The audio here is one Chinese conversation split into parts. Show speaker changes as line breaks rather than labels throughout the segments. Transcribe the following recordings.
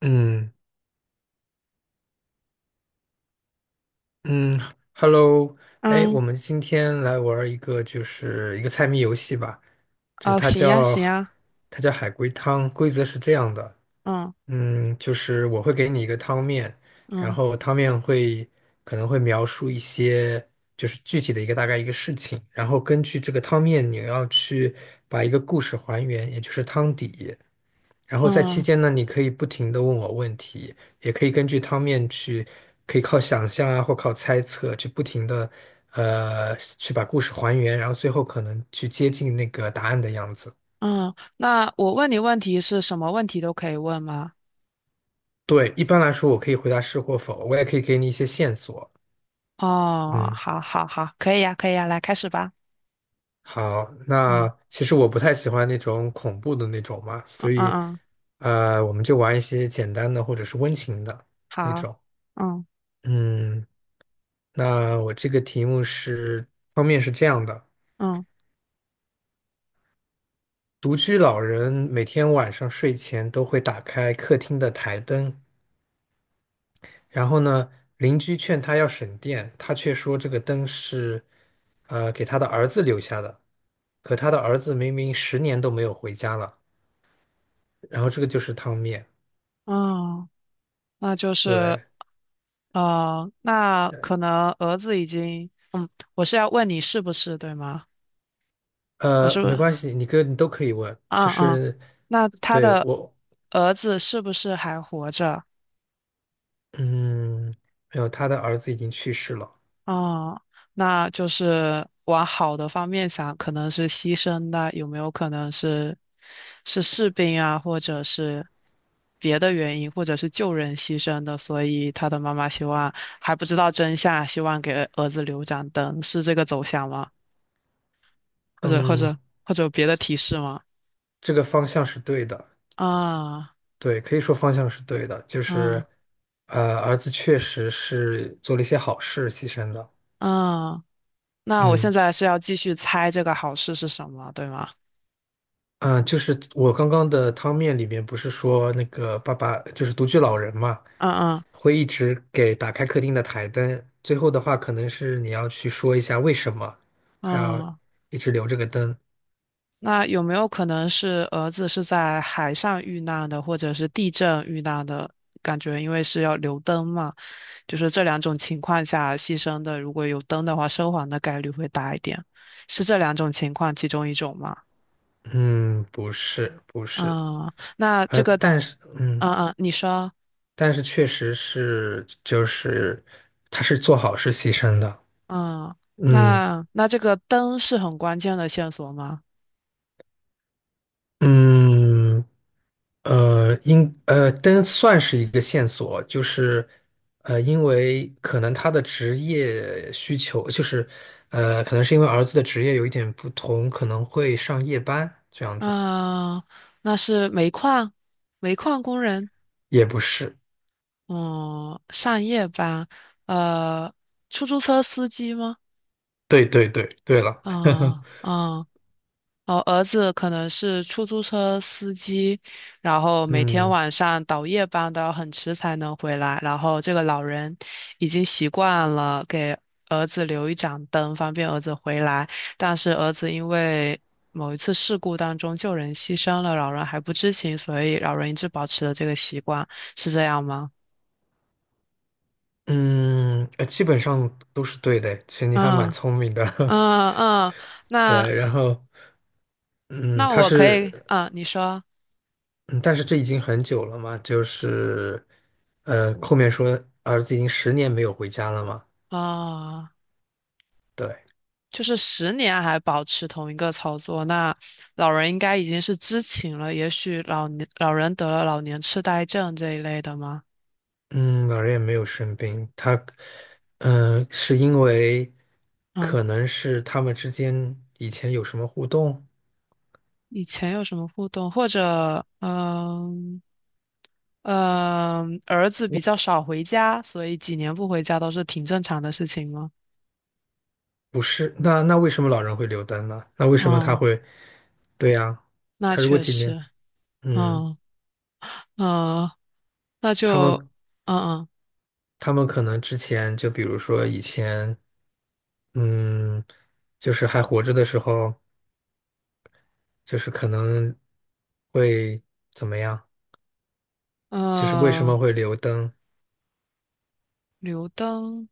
嗯嗯，Hello，哎，我
嗯，
们今天来玩儿一个，就是一个猜谜游戏吧。就是
哦，
它
行呀，
叫
行呀，
它叫海龟汤，规则是这样的。
嗯
就是我会给你一个汤面，然
嗯
后汤面可能会描述一些，就是具体的一个，大概一个事情。然后根据这个汤面你要去把一个故事还原，也就是汤底。然后在期
嗯
间呢，你可以不停的问我问题，也可以根据汤面去，可以靠想象啊，或靠猜测去不停的，去把故事还原，然后最后可能去接近那个答案的样子。
嗯，那我问你问题是什么问题都可以问吗？
对，一般来说我可以回答是或否，我也可以给你一些线索。
哦，
嗯，
好，好，好，可以呀，可以呀，来开始吧。
好，那
嗯
其实我不太喜欢那种恐怖的那种嘛，
嗯
所
嗯，
以，
嗯
我们就玩一些简单的或者是温情的那
好，
种。
嗯
嗯，那我这个题目是，方面是这样的。
嗯
独居老人每天晚上睡前都会打开客厅的台灯，然后呢，邻居劝他要省电，他却说这个灯是，给他的儿子留下的。可他的儿子明明十年都没有回家了，然后这个就是汤面。
嗯，那就是
对，
那可能儿子已经，我是要问你是不是对吗？我是不，
没
是？
关系，你哥你都可以问，就
嗯嗯，
是
那他
对
的
我。
儿子是不是还活着？
嗯，没有，他的儿子已经去世了。
哦，那就是往好的方面想，可能是牺牲的，有没有可能是是士兵啊，或者是别的原因，或者是救人牺牲的？所以他的妈妈希望还不知道真相，希望给儿子留盏灯，是这个走向吗？或者或
嗯，
者或者有别的提示吗？
这个方向是对的。
啊
对，可以说方向是对的，就
啊
是，儿子确实是做了一些好事，牺牲的。
啊！那我现
嗯
在是要继续猜这个好事是什么，对吗？
嗯，就是我刚刚的汤面里面不是说那个爸爸就是独居老人嘛，
嗯嗯
会一直给打开客厅的台灯。最后的话，可能是你要去说一下为什么他要
嗯
一直留这个灯。
那有没有可能是儿子是在海上遇难的，或者是地震遇难的？感觉因为是要留灯嘛，就是这两种情况下牺牲的，如果有灯的话，生还的概率会大一点。是这两种情况其中一种吗？
嗯，不是，不是，
嗯，那这个，
但是，
嗯嗯，你说，
但是确实是，就是他是做好事牺牲的。
嗯，
嗯。
那这个灯是很关键的线索吗？
嗯，但算是一个线索，就是，因为可能他的职业需求，就是，可能是因为儿子的职业有一点不同，可能会上夜班这样子。
嗯，那是煤矿，煤矿工人。
也不是，
嗯，上夜班，呃，出租车司机吗？
对对对，对了。
嗯嗯，哦，儿子可能是出租车司机，然后每天
嗯
晚上倒夜班都要很迟才能回来，然后这个老人已经习惯了给儿子留一盏灯，方便儿子回来，但是儿子因为某一次事故当中救人牺牲了，老人还不知情，所以老人一直保持了这个习惯，是这样吗？
嗯，基本上都是对的，其实你还蛮
嗯。
聪明的。
嗯嗯，那
对，然后，嗯，
那
他
我可以，
是。
嗯，你说，
嗯，但是这已经很久了嘛，就是，后面说儿子已经十年没有回家了嘛。
啊、
对。
就是10年还保持同一个操作，那老人应该已经是知情了，也许老年老人得了老年痴呆症这一类的吗？
嗯，老人也没有生病，他，嗯、是因为
嗯，
可能是他们之间以前有什么互动。
以前有什么互动，或者嗯嗯，儿子比较少回家，所以几年不回家都是挺正常的事情吗？
不是？那那为什么老人会留灯呢？那为什么他
嗯，
会？对呀，
那
他如果
确
几年，
实，
嗯，
嗯嗯，那
他
就
们
嗯嗯。
他们可能之前就比如说以前，嗯，就是还活着的时候。就是可能会怎么样？就是为什么
嗯，
会留灯？
留灯，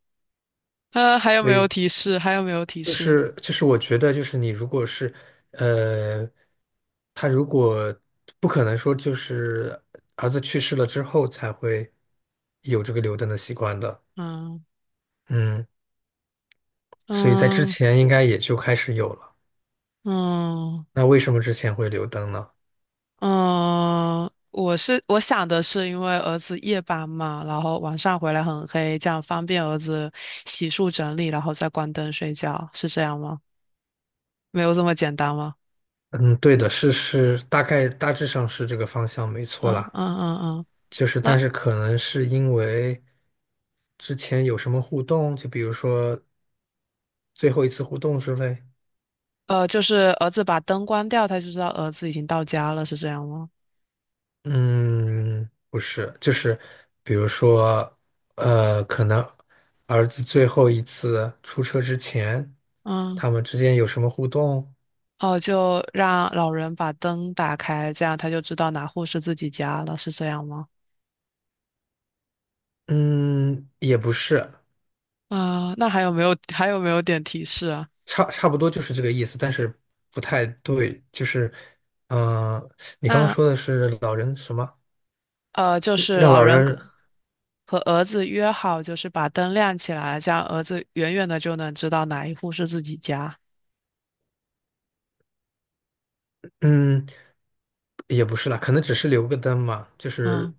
啊，还有没有
对，
提示？还有没有提
就
示？
是就是我觉得就是你如果是呃，他如果不可能说就是儿子去世了之后才会有这个留灯的习惯的。
嗯
嗯，所以在之
嗯
前应该也就开始有了。
嗯
那为什么之前会留灯呢？
嗯，我是我想的是，因为儿子夜班嘛，然后晚上回来很黑，这样方便儿子洗漱整理，然后再关灯睡觉，是这样吗？没有这么简单吗？
嗯，对的，是是，大概大致上是这个方向没错
嗯嗯
啦。
嗯嗯，
就是，但
那
是可能是因为。之前有什么互动？就比如说最后一次互动之类。
就是儿子把灯关掉，他就知道儿子已经到家了，是这样吗？
嗯，不是，就是比如说，可能儿子最后一次出车之前，
嗯。
他们之间有什么互动？
哦，就让老人把灯打开，这样他就知道哪户是自己家了，是这样吗？
嗯，也不是，
啊、那还有没有点提示啊？
差不多就是这个意思，但是不太对。就是，嗯、你刚刚
那
说的是老人什么？
就是
让
老
老
人
人，
跟和儿子约好，就是把灯亮起来，这样儿子远远的就能知道哪一户是自己家。
嗯，也不是啦，可能只是留个灯嘛。就是
嗯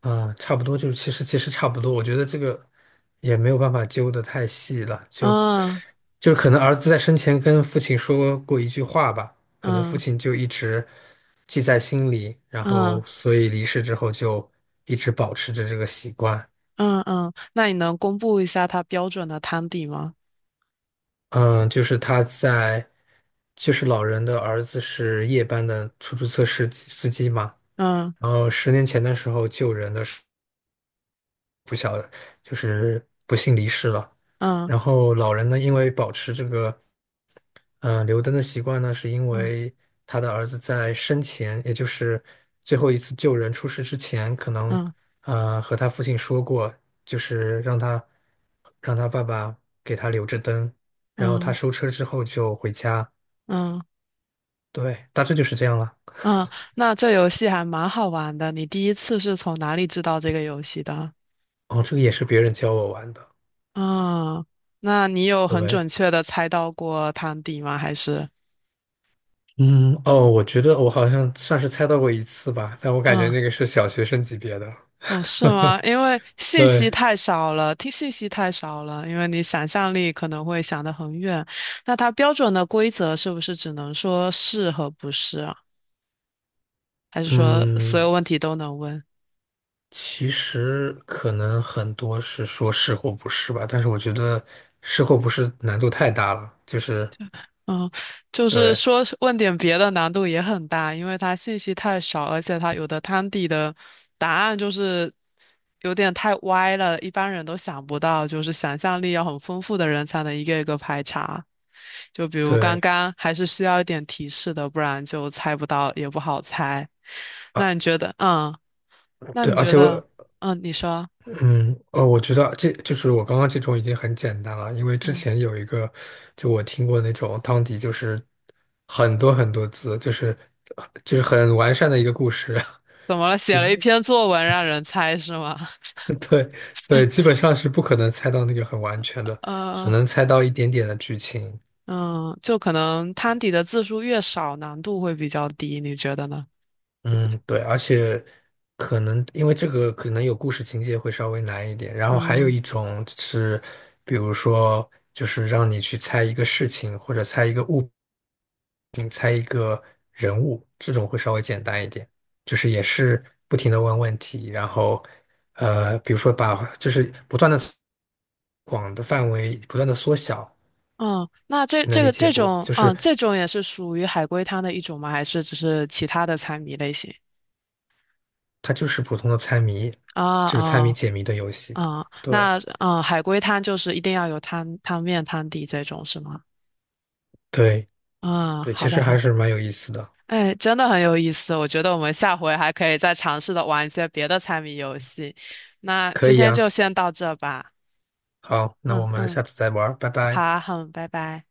啊，差不多就是，其实差不多，我觉得这个也没有办法揪得太细了，就
嗯
就是可能儿子在生前跟父亲说过一句话吧，可能父
嗯
亲就一直记在心里，然后
嗯
所以离世之后就一直保持着这个习惯。
嗯嗯，那你能公布一下他标准的汤底吗？
嗯，就是他在，就是老人的儿子是夜班的出租车司机嘛。
嗯
然后10年前的时候救人的时候不小了，就是不幸离世了。
嗯
然后老人呢，因为保持这个嗯、留灯的习惯呢，是因
嗯
为他的儿子在生前，也就是最后一次救人出事之前，可能
嗯
和他父亲说过，就是让他爸爸给他留着灯，然后他
嗯
收车之后就回家。
嗯
对，大致就是这样了。
嗯，那这游戏还蛮好玩的。你第一次是从哪里知道这个游戏的？
哦，这个也是别人教我玩的。
嗯，那你有
对不
很准
对。
确的猜到过汤底吗？还是
嗯，哦，我觉得我好像算是猜到过一次吧，但我感觉
嗯
那个是小学生级别的。
哦是吗？因为信
对，
息太少了，听信息太少了，因为你想象力可能会想得很远。那它标准的规则是不是只能说是和不是啊？还是说所
嗯，
有问题都能问？
其实可能很多是说是或不是吧，但是我觉得是或不是难度太大了，就是
嗯，就是
对
说是问点别的难度也很大，因为它信息太少，而且它有的汤底的答案就是有点太歪了，一般人都想不到，就是想象力要很丰富的人才能一个一个排查。就比如刚
对
刚还是需要一点提示的，不然就猜不到，也不好猜。
啊
那你觉得，嗯，那
对，
你
而
觉
且我
得，嗯，你说，
嗯哦，我觉得这就是我刚刚这种已经很简单了，因为之
嗯，
前有一个就我听过那种汤底，就是很多很多字，就是很完善的一个故事。
怎么了？写了一 篇作文让人猜是吗？
对对，基本上是不可能猜到那个很完全的，只
嗯。
能猜到一点点的剧情。
嗯，就可能摊底的字数越少，难度会比较低，你觉得呢？
嗯，对，而且可能因为这个可能有故事情节会稍微难一点，然后还有
嗯
一种是，比如说就是让你去猜一个事情，或者猜一个物品，猜一个人物，这种会稍微简单一点，就是也是不停的问问题，然后比如说把就是不断的广的范围不断的缩小。
嗯，那这
能
这
理
个
解
这
不？
种，
就是
嗯，这种也是属于海龟汤的一种吗？还是只是其他的猜谜类型？
它就是普通的猜谜，
啊
就是猜谜
啊
解谜的游戏。
啊，
对
那嗯，海龟汤就是一定要有汤汤面、汤底这种是吗？
对
嗯，
对，其
好的
实
好
还
的，
是蛮有意思的。
哎，真的很有意思，我觉得我们下回还可以再尝试的玩一些别的猜谜游戏。那
可
今
以
天
呀，
就先到这吧。
好，那我
嗯
们
嗯，
下次再玩儿拜拜。
好，好，拜拜。